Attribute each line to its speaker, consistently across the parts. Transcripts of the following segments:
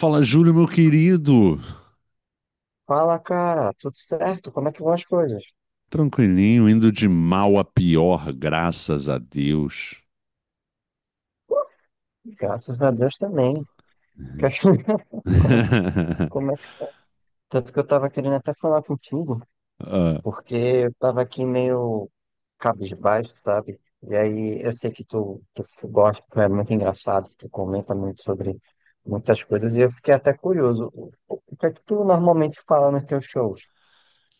Speaker 1: Fala, Júlio, meu querido.
Speaker 2: Fala, cara, tudo certo? Como é que vão as coisas?
Speaker 1: Tranquilinho, indo de mal a pior, graças a Deus.
Speaker 2: Graças a Deus também. Que acho- Como é, como é? Tanto que eu tava querendo até falar contigo,
Speaker 1: Ah,
Speaker 2: porque eu tava aqui meio cabisbaixo, sabe? E aí eu sei que tu gosta, tu é muito engraçado, tu comenta muito sobre muitas coisas, e eu fiquei até curioso. O que é que tu normalmente fala nos teus shows?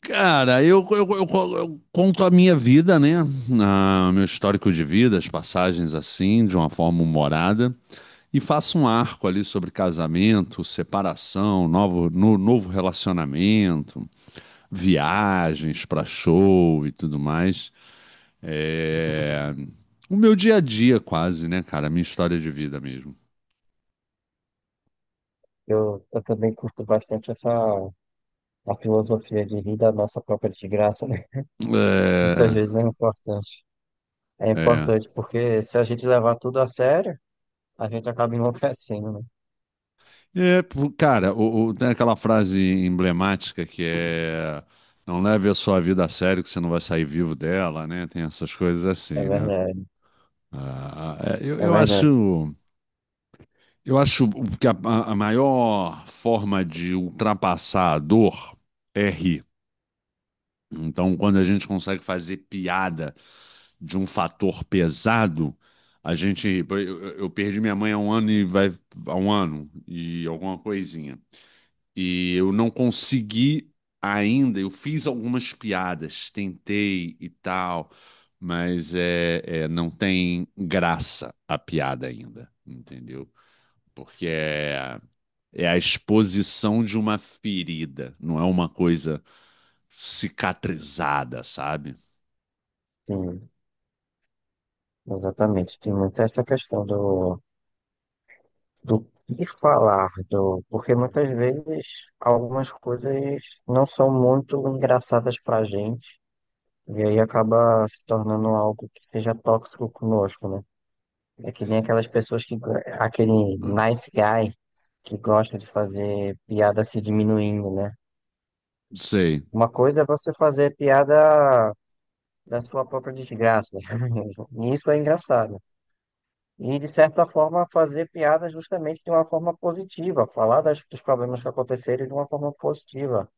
Speaker 1: cara, eu conto a minha vida, né? Ah, meu histórico de vida, as passagens assim, de uma forma humorada, e faço um arco ali sobre casamento, separação, novo, no- novo relacionamento, viagens para show e tudo mais. É, O meu dia a dia, quase, né, cara? A minha história de vida mesmo.
Speaker 2: Eu também curto bastante essa a filosofia de rir da nossa própria desgraça, né? Muitas vezes é importante. É
Speaker 1: É. É.
Speaker 2: importante, porque se a gente levar tudo a sério, a gente acaba enlouquecendo, né?
Speaker 1: É, pô, cara, tem aquela frase emblemática que é: não leve a sua vida a sério, que você não vai sair vivo dela, né? Tem essas coisas
Speaker 2: É
Speaker 1: assim, né?
Speaker 2: verdade,
Speaker 1: Ah, ah, é, eu,
Speaker 2: é
Speaker 1: eu
Speaker 2: verdade.
Speaker 1: acho, eu acho que a maior forma de ultrapassar a dor é rir. Então, quando a gente consegue fazer piada de um fator pesado, a gente. Eu perdi minha mãe há um ano e vai há um ano e alguma coisinha. E eu não consegui ainda, eu fiz algumas piadas, tentei e tal, mas não tem graça a piada ainda, entendeu? Porque é a exposição de uma ferida, não é uma coisa cicatrizada, sabe?
Speaker 2: Tem, exatamente. Tem muito essa questão do, do que falar, do, porque muitas vezes algumas coisas não são muito engraçadas pra gente, e aí acaba se tornando algo que seja tóxico conosco, né? É que nem aquelas pessoas que, aquele nice guy que gosta de fazer piada se diminuindo, né?
Speaker 1: Sei.
Speaker 2: Uma coisa é você fazer piada da sua própria desgraça. Isso é engraçado. E, de certa forma, fazer piada justamente de uma forma positiva, falar dos problemas que aconteceram de uma forma positiva,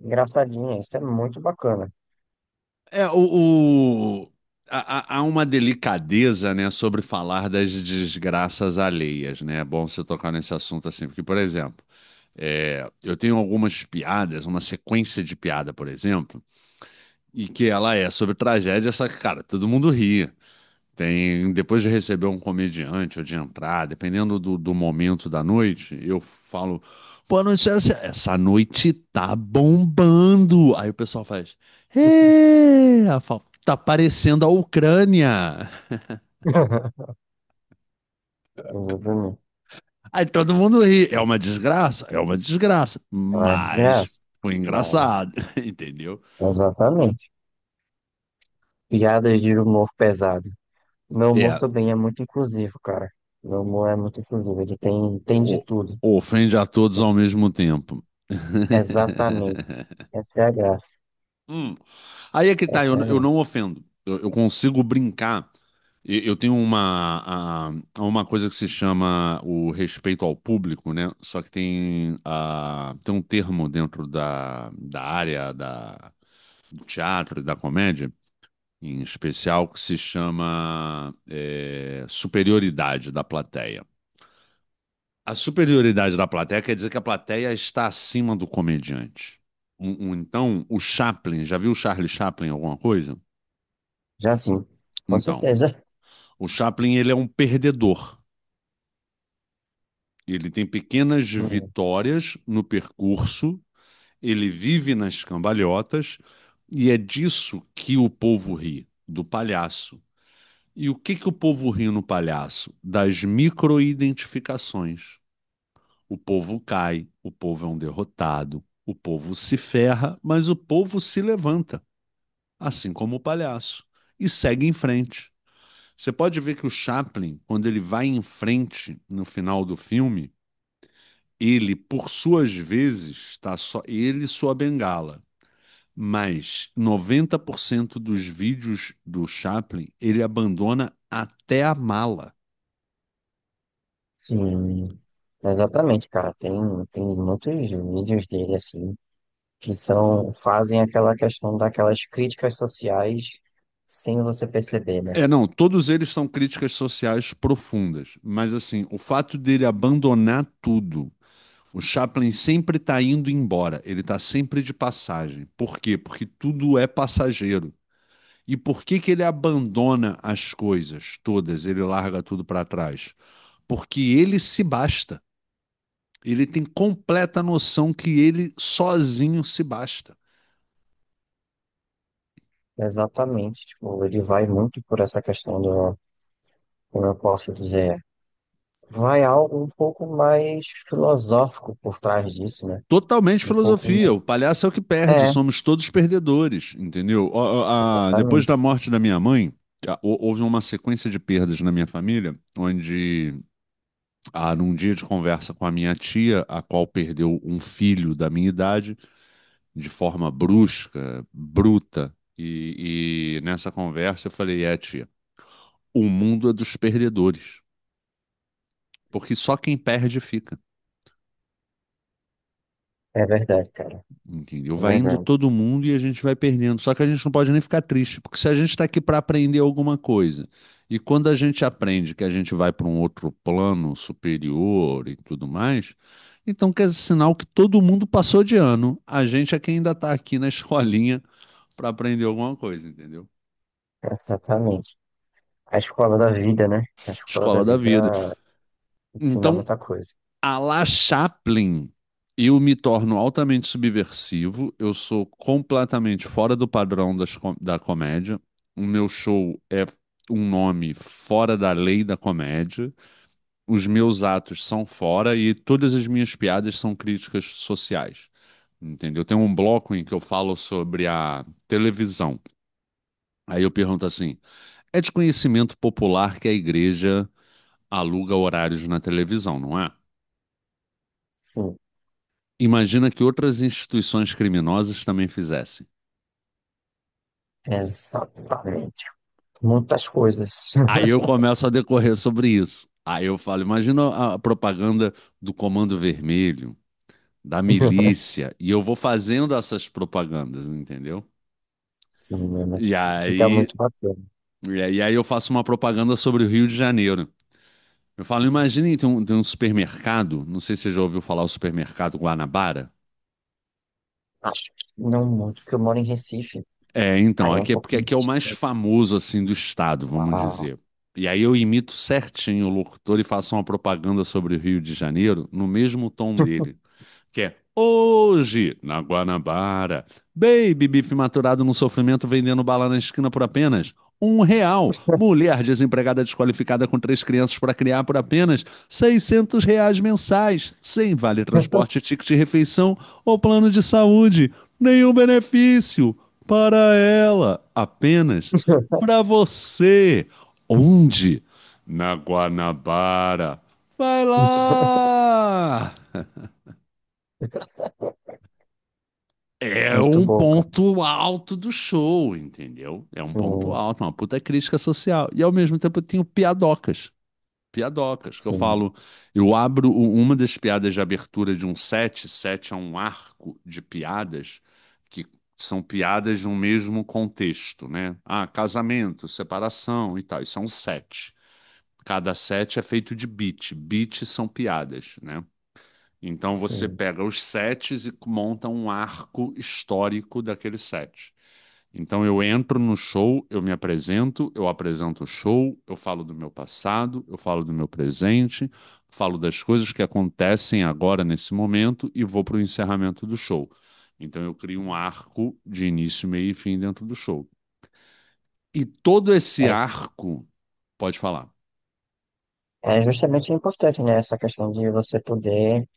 Speaker 2: engraçadinha. Isso é muito bacana.
Speaker 1: É, o, o- há uma delicadeza, né, sobre falar das desgraças alheias, né? É bom você tocar nesse assunto assim, porque, por exemplo, eu tenho algumas piadas, uma sequência de piada, por exemplo, e que ela é sobre tragédia, só que, cara, todo mundo ri. Tem, depois de receber um comediante ou de entrar, dependendo do momento da noite, eu falo, boa noite, essa noite tá bombando. Aí o pessoal faz, eu falo, tá parecendo a Ucrânia.
Speaker 2: Exatamente.
Speaker 1: Aí todo mundo ri, é uma desgraça,
Speaker 2: É uma
Speaker 1: mas
Speaker 2: desgraça.
Speaker 1: foi
Speaker 2: Mas,
Speaker 1: engraçado, entendeu?
Speaker 2: exatamente. Piadas de humor pesado. Meu humor
Speaker 1: É,
Speaker 2: também é muito inclusivo, cara. Meu humor é muito inclusivo. Ele
Speaker 1: o-
Speaker 2: tem de
Speaker 1: o-
Speaker 2: tudo.
Speaker 1: ofende a todos
Speaker 2: Tem
Speaker 1: ao
Speaker 2: de-
Speaker 1: mesmo tempo.
Speaker 2: Exatamente. Essa é a graça.
Speaker 1: Hum. Aí é que
Speaker 2: É
Speaker 1: tá, eu
Speaker 2: sério?
Speaker 1: não ofendo. Eu consigo brincar. Eu tenho uma coisa que se chama o respeito ao público, né? Só que tem um termo dentro da área do teatro e da comédia, em especial, que se chama superioridade da plateia. A superioridade da plateia quer dizer que a plateia está acima do comediante. Então, o Chaplin, já viu o Charlie Chaplin em alguma coisa?
Speaker 2: Já sim, com
Speaker 1: Então,
Speaker 2: certeza.
Speaker 1: o Chaplin ele é um perdedor. Ele tem pequenas
Speaker 2: Hum,
Speaker 1: vitórias no percurso, ele vive nas cambalhotas e é disso que o povo ri, do palhaço. E o que que o povo ri no palhaço? Das microidentificações. O povo cai, o povo é um derrotado, o povo se ferra, mas o povo se levanta, assim como o palhaço, e segue em frente. Você pode ver que o Chaplin, quando ele vai em frente no final do filme, ele, por suas vezes, está só ele e sua bengala. Mas 90% dos vídeos do Chaplin, ele abandona até a mala.
Speaker 2: Sim, exatamente, cara. Tem, tem muitos vídeos dele, assim, que são, fazem aquela questão daquelas críticas sociais sem você perceber, né?
Speaker 1: É, não, todos eles são críticas sociais profundas, mas assim, o fato dele abandonar tudo, o Chaplin sempre está indo embora, ele está sempre de passagem. Por quê? Porque tudo é passageiro. E por que que ele abandona as coisas todas? Ele larga tudo para trás? Porque ele se basta. Ele tem completa noção que ele sozinho se basta.
Speaker 2: Exatamente, tipo, ele vai muito por essa questão do, como eu posso dizer, vai algo um pouco mais filosófico por trás disso, né?
Speaker 1: Totalmente
Speaker 2: Um pouco mais...
Speaker 1: filosofia. O palhaço é o que perde.
Speaker 2: É,
Speaker 1: Somos todos perdedores, entendeu? Depois da
Speaker 2: exatamente.
Speaker 1: morte da minha mãe, houve uma sequência de perdas na minha família, onde, num dia de conversa com a minha tia, a qual perdeu um filho da minha idade, de forma brusca, bruta. E nessa conversa eu falei, tia, o mundo é dos perdedores. Porque só quem perde fica.
Speaker 2: É verdade, cara.
Speaker 1: Entendeu?
Speaker 2: É
Speaker 1: Vai indo
Speaker 2: verdade.
Speaker 1: todo mundo e a gente vai perdendo. Só que a gente não pode nem ficar triste, porque se a gente está aqui para aprender alguma coisa, e quando a gente aprende que a gente vai para um outro plano superior e tudo mais, então quer dizer, sinal que todo mundo passou de ano. A gente é quem ainda está aqui na escolinha para aprender alguma coisa, entendeu?
Speaker 2: Exatamente. A escola da vida, né? A escola da
Speaker 1: Escola da
Speaker 2: vida
Speaker 1: vida.
Speaker 2: ensina
Speaker 1: Então,
Speaker 2: muita coisa.
Speaker 1: a la Chaplin. Eu me torno altamente subversivo, eu sou completamente fora do padrão da comédia. O meu show é um nome fora da lei da comédia. Os meus atos são fora e todas as minhas piadas são críticas sociais. Entendeu? Tem um bloco em que eu falo sobre a televisão. Aí eu pergunto assim: é de conhecimento popular que a igreja aluga horários na televisão, não é?
Speaker 2: Sim,
Speaker 1: Imagina que outras instituições criminosas também fizessem.
Speaker 2: exatamente. Muitas coisas.
Speaker 1: Aí eu começo a decorrer sobre isso. Aí eu falo, imagina a propaganda do Comando Vermelho, da milícia, e eu vou fazendo essas propagandas, entendeu?
Speaker 2: Sim, é muito,
Speaker 1: E
Speaker 2: fica
Speaker 1: aí,
Speaker 2: muito bacana.
Speaker 1: e aí, eu faço uma propaganda sobre o Rio de Janeiro. Eu falo, imagine tem um supermercado, não sei se você já ouviu falar o supermercado Guanabara.
Speaker 2: Acho que não muito, porque eu moro em Recife.
Speaker 1: É, então,
Speaker 2: Aí é um
Speaker 1: aqui é
Speaker 2: pouco
Speaker 1: porque aqui é
Speaker 2: mais
Speaker 1: o mais famoso assim do estado, vamos
Speaker 2: complicado.
Speaker 1: dizer. E aí eu imito certinho o locutor e faço uma propaganda sobre o Rio de Janeiro no mesmo tom dele que é hoje, na Guanabara. Baby bife maturado no sofrimento vendendo bala na esquina por apenas R$ 1. Mulher desempregada desqualificada com três crianças para criar por apenas R$ 600 mensais, sem vale transporte, ticket de refeição ou plano de saúde. Nenhum benefício para ela, apenas para você. Onde? Na Guanabara. Vai lá! É
Speaker 2: Muito
Speaker 1: um
Speaker 2: bom, cara.
Speaker 1: ponto alto do show, entendeu? É um ponto
Speaker 2: Sim,
Speaker 1: alto, é uma puta crítica social. E ao mesmo tempo eu tenho piadocas, que eu
Speaker 2: sim,
Speaker 1: falo, eu abro uma das piadas de abertura de um set, set é um arco de piadas que são piadas de um mesmo contexto, né? Ah, casamento, separação e tal, isso é um set. Cada set é feito de beat, beat são piadas, né? Então você
Speaker 2: sim.
Speaker 1: pega os sets e monta um arco histórico daquele set. Então eu entro no show, eu me apresento, eu apresento o show, eu falo do meu passado, eu falo do meu presente, falo das coisas que acontecem agora nesse momento e vou para o encerramento do show. Então eu crio um arco de início, meio e fim dentro do show. E todo
Speaker 2: É,
Speaker 1: esse arco, pode falar.
Speaker 2: é justamente importante, né? Essa questão de você poder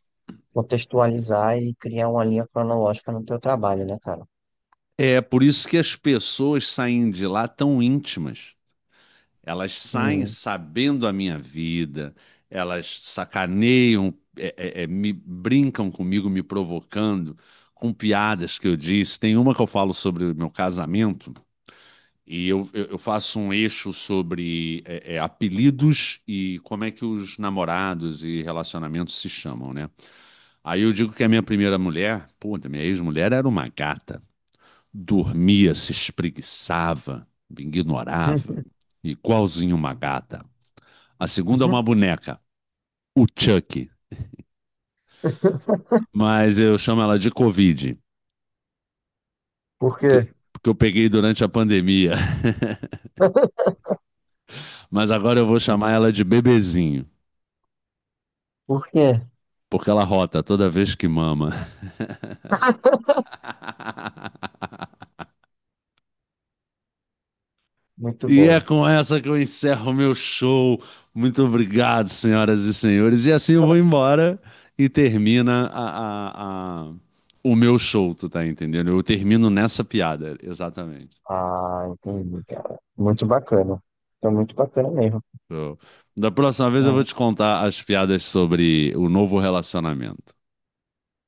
Speaker 2: contextualizar e criar uma linha cronológica no teu trabalho, né, cara?
Speaker 1: É por isso que as pessoas saem de lá tão íntimas. Elas saem
Speaker 2: Sim.
Speaker 1: sabendo a minha vida, elas sacaneiam, me brincam comigo, me provocando com piadas que eu disse. Tem uma que eu falo sobre o meu casamento e eu faço um eixo sobre apelidos e como é que os namorados e relacionamentos se chamam, né? Aí eu digo que a minha primeira mulher, puta, minha ex-mulher era uma gata. Dormia, se espreguiçava, me ignorava, igualzinho uma gata. A segunda é uma boneca, o Chuck. Mas eu chamo ela de Covid,
Speaker 2: Por
Speaker 1: porque,
Speaker 2: quê?
Speaker 1: porque eu peguei durante a pandemia. Mas agora eu vou chamar ela de bebezinho,
Speaker 2: Por quê?
Speaker 1: porque ela rota toda vez que mama.
Speaker 2: Muito
Speaker 1: E é
Speaker 2: bom.
Speaker 1: com essa que eu encerro o meu show. Muito obrigado, senhoras e senhores. E assim eu vou embora e termina o meu show, tu tá entendendo? Eu termino nessa piada, exatamente.
Speaker 2: Ah, entendi, cara. Muito bacana. Foi muito bacana mesmo.
Speaker 1: Show. Da próxima vez eu vou
Speaker 2: É,
Speaker 1: te contar as piadas sobre o novo relacionamento,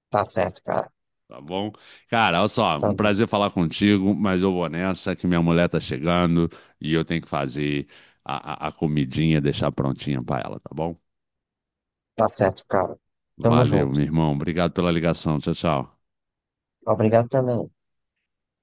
Speaker 2: tá certo, cara.
Speaker 1: tá bom? Cara, olha só, um
Speaker 2: Tá, bom.
Speaker 1: prazer falar contigo, mas eu vou nessa que minha mulher tá chegando e eu tenho que fazer a comidinha, deixar prontinha pra ela, tá bom?
Speaker 2: Tá certo, cara. Tamo
Speaker 1: Valeu, meu
Speaker 2: junto.
Speaker 1: irmão. Obrigado pela ligação. Tchau, tchau.
Speaker 2: Obrigado também.